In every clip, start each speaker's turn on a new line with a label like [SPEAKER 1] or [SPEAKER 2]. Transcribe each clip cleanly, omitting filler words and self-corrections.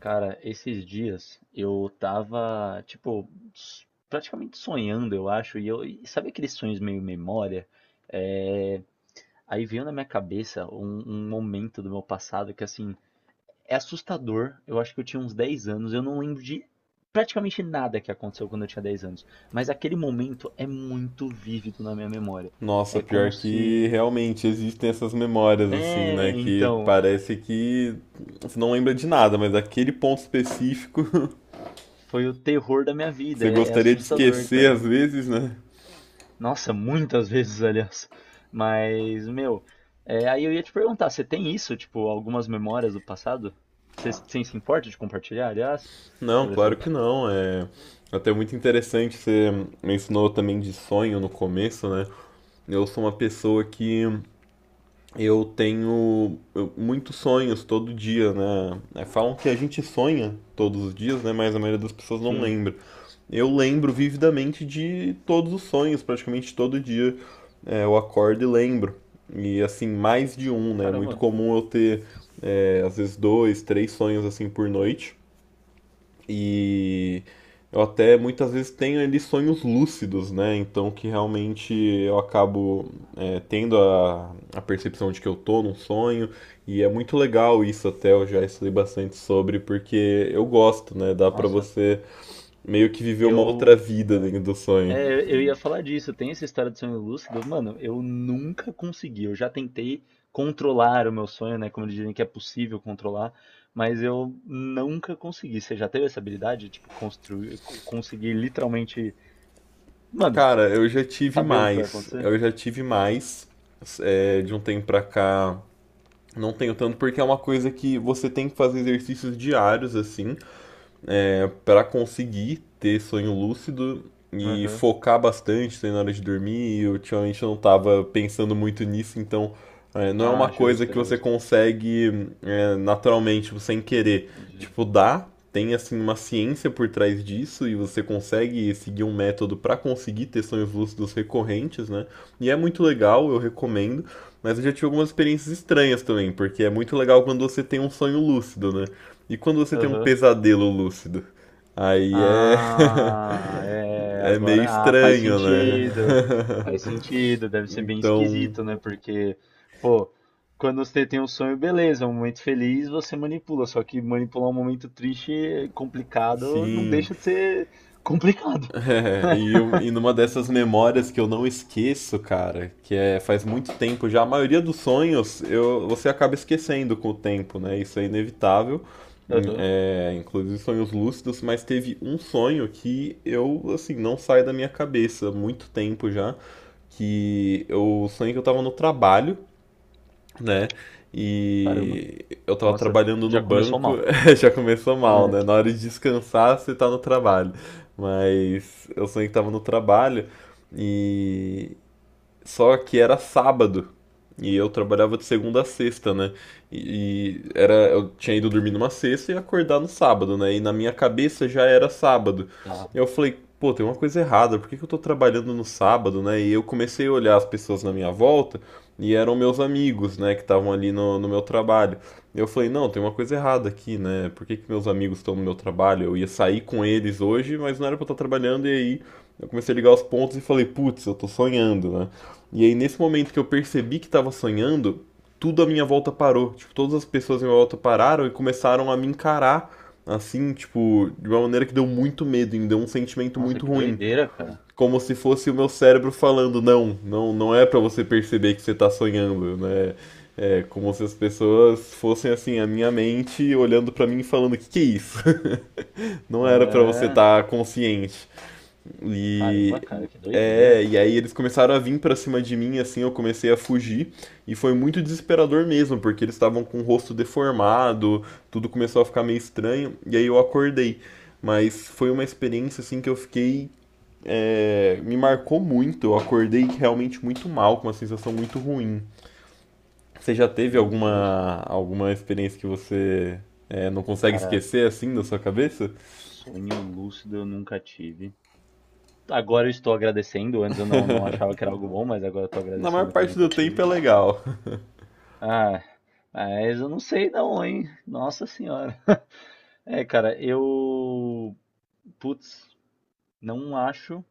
[SPEAKER 1] Cara, esses dias eu tava, tipo, praticamente sonhando, eu acho, e sabe aqueles sonhos meio memória? É, aí veio na minha cabeça um momento do meu passado que, assim, é assustador. Eu acho que eu tinha uns 10 anos, eu não lembro de praticamente nada que aconteceu quando eu tinha 10 anos, mas aquele momento é muito vívido na minha memória.
[SPEAKER 2] Nossa,
[SPEAKER 1] É como
[SPEAKER 2] pior que
[SPEAKER 1] se.
[SPEAKER 2] realmente existem essas memórias, assim,
[SPEAKER 1] É,
[SPEAKER 2] né? Que
[SPEAKER 1] então, é,
[SPEAKER 2] parece que você não lembra de nada, mas aquele ponto específico
[SPEAKER 1] foi o terror da minha
[SPEAKER 2] que
[SPEAKER 1] vida,
[SPEAKER 2] você
[SPEAKER 1] é
[SPEAKER 2] gostaria de
[SPEAKER 1] assustador,
[SPEAKER 2] esquecer
[SPEAKER 1] cara.
[SPEAKER 2] às vezes, né?
[SPEAKER 1] Nossa, muitas vezes, aliás. Mas, meu, aí eu ia te perguntar, você tem isso, tipo, algumas memórias do passado? Você se importa de compartilhar, aliás,
[SPEAKER 2] Não,
[SPEAKER 1] sobre
[SPEAKER 2] claro
[SPEAKER 1] essa...
[SPEAKER 2] que não. É até muito interessante. Você mencionou também de sonho no começo, né? Eu sou uma pessoa que eu tenho muitos sonhos todo dia, né? É, Falam que a gente sonha todos os dias, né? Mas a maioria das pessoas não
[SPEAKER 1] Sim,
[SPEAKER 2] lembra. Eu lembro vividamente de todos os sonhos, praticamente todo dia eu acordo e lembro. E assim, mais de um, né? É muito
[SPEAKER 1] caramba,
[SPEAKER 2] comum eu ter, às vezes, dois, três sonhos assim por noite. E eu até muitas vezes tenho ali sonhos lúcidos, né? Então que realmente eu acabo tendo a percepção de que eu tô num sonho. E é muito legal isso até, eu já estudei bastante sobre, porque eu gosto, né? Dá pra
[SPEAKER 1] nossa,
[SPEAKER 2] você meio que viver uma outra
[SPEAKER 1] eu...
[SPEAKER 2] vida
[SPEAKER 1] É,
[SPEAKER 2] dentro do sonho.
[SPEAKER 1] é, eu ia falar disso, tem essa história do sonho lúcido, mano, eu nunca consegui, eu já tentei controlar o meu sonho, né, como eles dizem que é possível controlar, mas eu nunca consegui. Você já teve essa habilidade, tipo, construir, conseguir literalmente... Mano,
[SPEAKER 2] Cara, eu já tive
[SPEAKER 1] saber o que vai
[SPEAKER 2] mais.
[SPEAKER 1] acontecer?
[SPEAKER 2] Eu já tive mais. É, de um tempo pra cá, não tenho tanto, porque é uma coisa que você tem que fazer exercícios diários, assim. Para conseguir ter sonho lúcido e
[SPEAKER 1] Aham.
[SPEAKER 2] focar bastante na hora de dormir. E ultimamente não estava pensando muito nisso, então não é uma
[SPEAKER 1] Ah,
[SPEAKER 2] coisa
[SPEAKER 1] justo,
[SPEAKER 2] que você
[SPEAKER 1] justo.
[SPEAKER 2] consegue naturalmente, tipo, sem querer.
[SPEAKER 1] Entendi.
[SPEAKER 2] Tipo, dá, tem assim uma ciência por trás disso e você consegue seguir um método para conseguir ter sonhos lúcidos recorrentes, né? E é muito legal, eu recomendo, mas eu já tive algumas experiências estranhas também, porque é muito legal quando você tem um sonho lúcido, né? E quando você tem um
[SPEAKER 1] Aham.
[SPEAKER 2] pesadelo lúcido? Aí é.
[SPEAKER 1] Ah, é,
[SPEAKER 2] É meio
[SPEAKER 1] agora, ah, faz
[SPEAKER 2] estranho, né?
[SPEAKER 1] sentido. Faz sentido, deve ser bem
[SPEAKER 2] Então,
[SPEAKER 1] esquisito, né? Porque, pô, quando você tem um sonho, beleza, um momento feliz, você manipula, só que manipular um momento triste, complicado, não
[SPEAKER 2] sim.
[SPEAKER 1] deixa de ser complicado.
[SPEAKER 2] É, e, e numa dessas memórias que eu não esqueço, cara, que é faz muito tempo já, a maioria dos sonhos eu, você acaba esquecendo com o tempo, né? Isso é inevitável,
[SPEAKER 1] Aham.
[SPEAKER 2] inclusive sonhos lúcidos, mas teve um sonho que eu, assim, não sai da minha cabeça há muito tempo já, que eu sonhei que eu tava no trabalho, né?
[SPEAKER 1] Caramba.
[SPEAKER 2] E eu tava
[SPEAKER 1] Nossa,
[SPEAKER 2] trabalhando no
[SPEAKER 1] já começou
[SPEAKER 2] banco,
[SPEAKER 1] mal.
[SPEAKER 2] já começou mal, né?
[SPEAKER 1] É.
[SPEAKER 2] Na hora de descansar, você tá no trabalho. Mas eu sonhei que tava no trabalho e só que era sábado. E eu trabalhava de segunda a sexta, né? E era, eu tinha ido dormir numa sexta e acordar no sábado, né? E na minha cabeça já era sábado.
[SPEAKER 1] Tá.
[SPEAKER 2] Eu falei, pô, tem uma coisa errada, por que que eu tô trabalhando no sábado, né? E eu comecei a olhar as pessoas na minha volta e eram meus amigos, né, que estavam ali no meu trabalho. Eu falei, não, tem uma coisa errada aqui, né? Por que que meus amigos estão no meu trabalho? Eu ia sair com eles hoje, mas não era pra eu estar trabalhando. E aí eu comecei a ligar os pontos e falei, putz, eu tô sonhando, né? E aí, nesse momento que eu percebi que estava sonhando, tudo à minha volta parou. Tipo, todas as pessoas à minha volta pararam e começaram a me encarar, assim, tipo, de uma maneira que deu muito medo, me deu um sentimento
[SPEAKER 1] Nossa,
[SPEAKER 2] muito
[SPEAKER 1] que
[SPEAKER 2] ruim.
[SPEAKER 1] doideira, cara.
[SPEAKER 2] Como se fosse o meu cérebro falando, não, não é pra você perceber que você tá sonhando, né? É como se as pessoas fossem assim, a minha mente olhando pra mim e falando, que é isso? Não era pra você
[SPEAKER 1] É.
[SPEAKER 2] estar consciente.
[SPEAKER 1] Caramba,
[SPEAKER 2] E
[SPEAKER 1] cara, que doideira.
[SPEAKER 2] e aí eles começaram a vir pra cima de mim, assim, eu comecei a fugir e foi muito desesperador mesmo, porque eles estavam com o rosto deformado, tudo começou a ficar meio estranho, e aí eu acordei. Mas foi uma experiência assim que eu fiquei me marcou muito, eu acordei realmente muito mal, com uma sensação muito ruim. Você já teve
[SPEAKER 1] Meu Deus,
[SPEAKER 2] alguma experiência que você não consegue
[SPEAKER 1] cara,
[SPEAKER 2] esquecer assim da sua cabeça?
[SPEAKER 1] sonho lúcido eu nunca tive. Agora eu estou agradecendo, antes eu não achava que era algo bom, mas agora eu estou
[SPEAKER 2] Na maior
[SPEAKER 1] agradecendo que eu
[SPEAKER 2] parte
[SPEAKER 1] nunca
[SPEAKER 2] do tempo
[SPEAKER 1] tive.
[SPEAKER 2] é legal.
[SPEAKER 1] Ah, mas eu não sei não, hein? Nossa senhora. É, cara, eu. Putz, não acho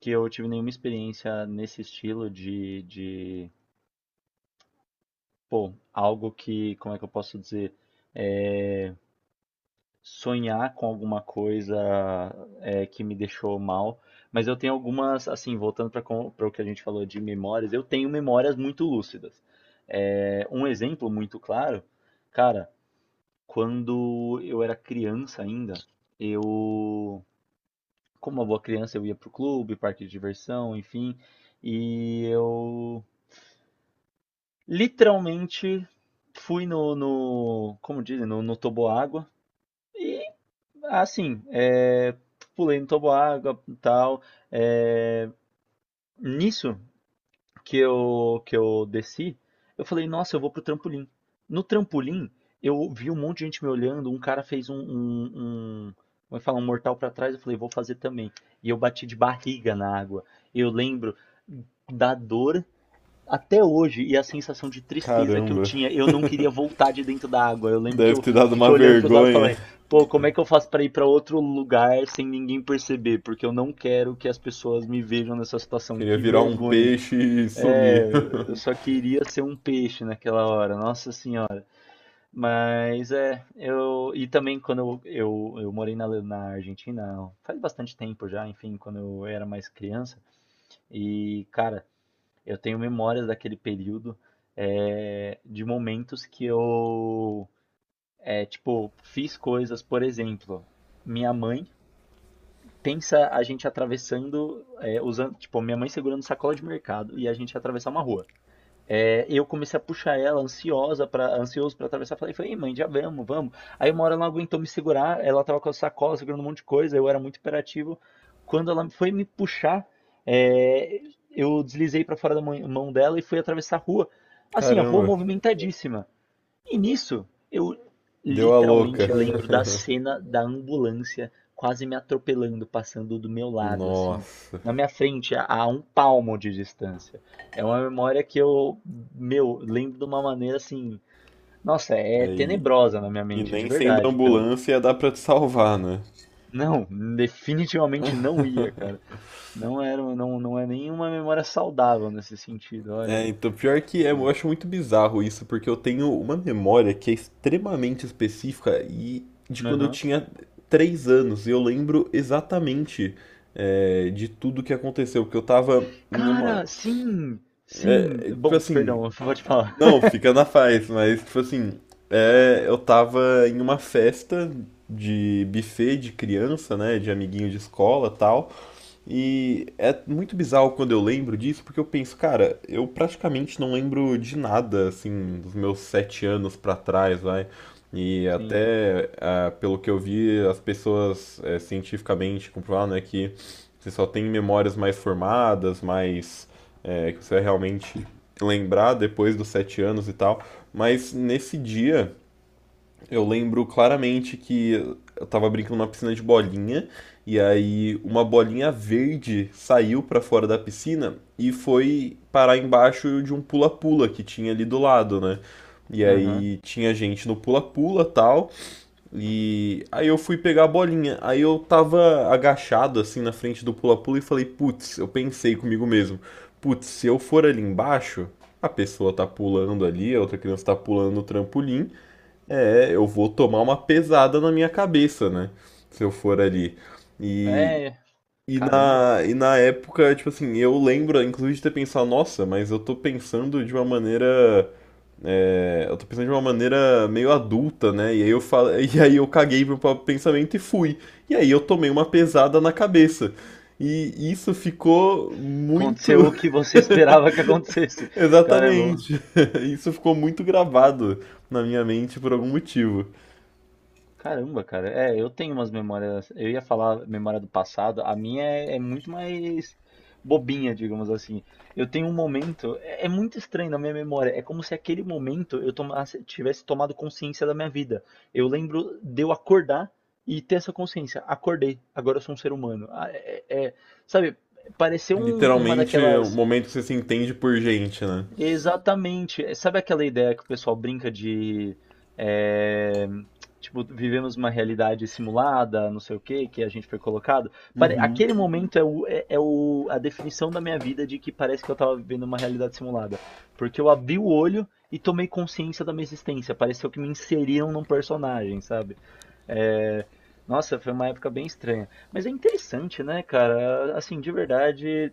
[SPEAKER 1] que eu tive nenhuma experiência nesse estilo de. Pô, algo que. Como é que eu posso dizer? É sonhar com alguma coisa que me deixou mal, mas eu tenho algumas, assim, voltando para o que a gente falou de memórias, eu tenho memórias muito lúcidas. É, um exemplo muito claro, cara, quando eu era criança ainda, eu, como uma boa criança, eu ia pro clube, parque de diversão, enfim, e eu literalmente fui no como dizem, no toboágua, e assim, é, pulei no toboágua e tal. É, nisso que eu desci, eu falei, nossa, eu vou pro trampolim. No trampolim, eu vi um monte de gente me olhando, um cara fez um como é que fala, um mortal pra trás, eu falei, vou fazer também. E eu bati de barriga na água. Eu lembro da dor até hoje, e a sensação de tristeza que eu
[SPEAKER 2] Caramba,
[SPEAKER 1] tinha, eu não queria voltar de dentro da água. Eu lembro que
[SPEAKER 2] deve
[SPEAKER 1] eu
[SPEAKER 2] ter dado uma
[SPEAKER 1] fiquei olhando para os lados e
[SPEAKER 2] vergonha.
[SPEAKER 1] falei: pô, como é que eu faço para ir para outro lugar sem ninguém perceber? Porque eu não quero que as pessoas me vejam nessa situação.
[SPEAKER 2] Queria
[SPEAKER 1] Que
[SPEAKER 2] virar um
[SPEAKER 1] vergonha.
[SPEAKER 2] peixe e
[SPEAKER 1] É,
[SPEAKER 2] sumir.
[SPEAKER 1] eu só queria ser um peixe naquela hora, nossa senhora. Mas é, eu. E também quando eu morei na Argentina, faz bastante tempo já, enfim, quando eu era mais criança. E, cara. Eu tenho memórias daquele período, é, de momentos que eu, é, tipo, fiz coisas, por exemplo, minha mãe pensa a gente atravessando, é, usando, tipo, minha mãe segurando sacola de mercado e a gente atravessar uma rua. É, eu comecei a puxar ela, ansiosa para ansioso para atravessar. Falei: "Ei, mãe, já vamos, vamos." Aí uma hora ela não aguentou me segurar, ela tava com a sacola segurando um monte de coisa, eu era muito imperativo. Quando ela foi me puxar, é, eu deslizei para fora da mão dela e fui atravessar a rua. Assim, a rua
[SPEAKER 2] Caramba,
[SPEAKER 1] movimentadíssima. E nisso, eu
[SPEAKER 2] deu a louca.
[SPEAKER 1] literalmente lembro da cena da ambulância quase me atropelando, passando do meu lado, assim,
[SPEAKER 2] Nossa.
[SPEAKER 1] na minha frente, a um palmo de distância. É uma memória que eu, meu, lembro de uma maneira assim. Nossa, é
[SPEAKER 2] Aí,
[SPEAKER 1] tenebrosa na minha
[SPEAKER 2] e
[SPEAKER 1] mente, de
[SPEAKER 2] nem sendo
[SPEAKER 1] verdade, cara.
[SPEAKER 2] ambulância dá pra te salvar, né?
[SPEAKER 1] Não, definitivamente não ia, cara. Não era, não, não é nenhuma memória saudável nesse sentido, olha.
[SPEAKER 2] É, então, pior que é, eu
[SPEAKER 1] Exato.
[SPEAKER 2] acho muito bizarro isso, porque eu tenho uma memória que é extremamente específica e de quando eu
[SPEAKER 1] Aham.
[SPEAKER 2] tinha 3 anos, e eu lembro exatamente de tudo que aconteceu, porque eu tava em uma.
[SPEAKER 1] Cara, sim, sim.
[SPEAKER 2] é, tipo
[SPEAKER 1] Bom,
[SPEAKER 2] assim,
[SPEAKER 1] perdão, pode falar.
[SPEAKER 2] Não, fica na paz, mas tipo assim, eu tava em uma festa de buffet de criança, né, de amiguinho de escola, tal. E é muito bizarro quando eu lembro disso, porque eu penso, cara, eu praticamente não lembro de nada, assim, dos meus 7 anos pra trás, vai. E
[SPEAKER 1] Sim.
[SPEAKER 2] até, ah, pelo que eu vi, as pessoas cientificamente comprovaram, né, que você só tem memórias mais formadas, que você vai realmente lembrar depois dos 7 anos e tal. Mas nesse dia, eu lembro claramente que eu tava brincando numa piscina de bolinha e aí uma bolinha verde saiu pra fora da piscina e foi parar embaixo de um pula-pula que tinha ali do lado, né? E
[SPEAKER 1] Aham.
[SPEAKER 2] aí tinha gente no pula-pula e tal. E aí eu fui pegar a bolinha. Aí eu tava agachado assim na frente do pula-pula e falei, putz, eu pensei comigo mesmo, putz, se eu for ali embaixo, a pessoa tá pulando ali, a outra criança tá pulando no trampolim. É, eu vou tomar uma pesada na minha cabeça, né? Se eu for ali. E,
[SPEAKER 1] É, caramba.
[SPEAKER 2] e na época, tipo assim, eu lembro, inclusive, de ter pensado, nossa, mas eu tô pensando de uma maneira. Eu tô pensando de uma maneira meio adulta, né? E aí eu falo, e aí eu caguei pro próprio pensamento e fui. E aí eu tomei uma pesada na cabeça. E isso ficou muito.
[SPEAKER 1] Aconteceu o que você esperava que acontecesse. Caramba.
[SPEAKER 2] Exatamente. Isso ficou muito gravado na minha mente por algum motivo.
[SPEAKER 1] Caramba, cara. É, eu tenho umas memórias. Eu ia falar memória do passado. A minha é, é muito mais bobinha, digamos assim. Eu tenho um momento. É, é muito estranho na minha memória. É como se aquele momento eu tivesse tomado consciência da minha vida. Eu lembro de eu acordar e ter essa consciência. Acordei. Agora eu sou um ser humano. Ah, é, é. Sabe? Pareceu uma
[SPEAKER 2] Literalmente é um
[SPEAKER 1] daquelas.
[SPEAKER 2] momento que você se entende por gente, né?
[SPEAKER 1] Exatamente. É, sabe aquela ideia que o pessoal brinca de é, tipo, vivemos uma realidade simulada, não sei o que, que a gente foi colocado? Aquele momento é, é a definição da minha vida de que parece que eu tava vivendo uma realidade simulada. Porque eu abri o olho e tomei consciência da minha existência. Pareceu que me inseriram num personagem, sabe? É, nossa, foi uma época bem estranha. Mas é interessante, né, cara? Assim, de verdade,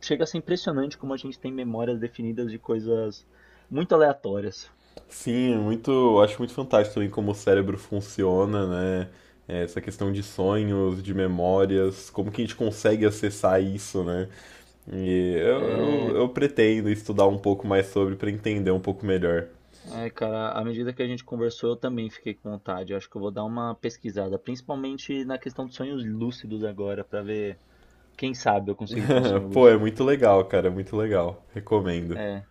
[SPEAKER 1] chega a ser impressionante como a gente tem memórias definidas de coisas muito aleatórias.
[SPEAKER 2] Sim, é muito, eu acho muito fantástico também como o cérebro funciona, né? É, Essa questão de sonhos, de memórias, como que a gente consegue acessar isso, né? E
[SPEAKER 1] É,
[SPEAKER 2] eu pretendo estudar um pouco mais sobre para entender um pouco melhor.
[SPEAKER 1] ai, cara, à medida que a gente conversou, eu também fiquei com vontade. Eu acho que eu vou dar uma pesquisada, principalmente na questão dos sonhos lúcidos agora, pra ver, quem sabe eu consigo ter um sonho
[SPEAKER 2] Pô, é
[SPEAKER 1] lúcido.
[SPEAKER 2] muito legal, cara, é muito legal. Recomendo.
[SPEAKER 1] É,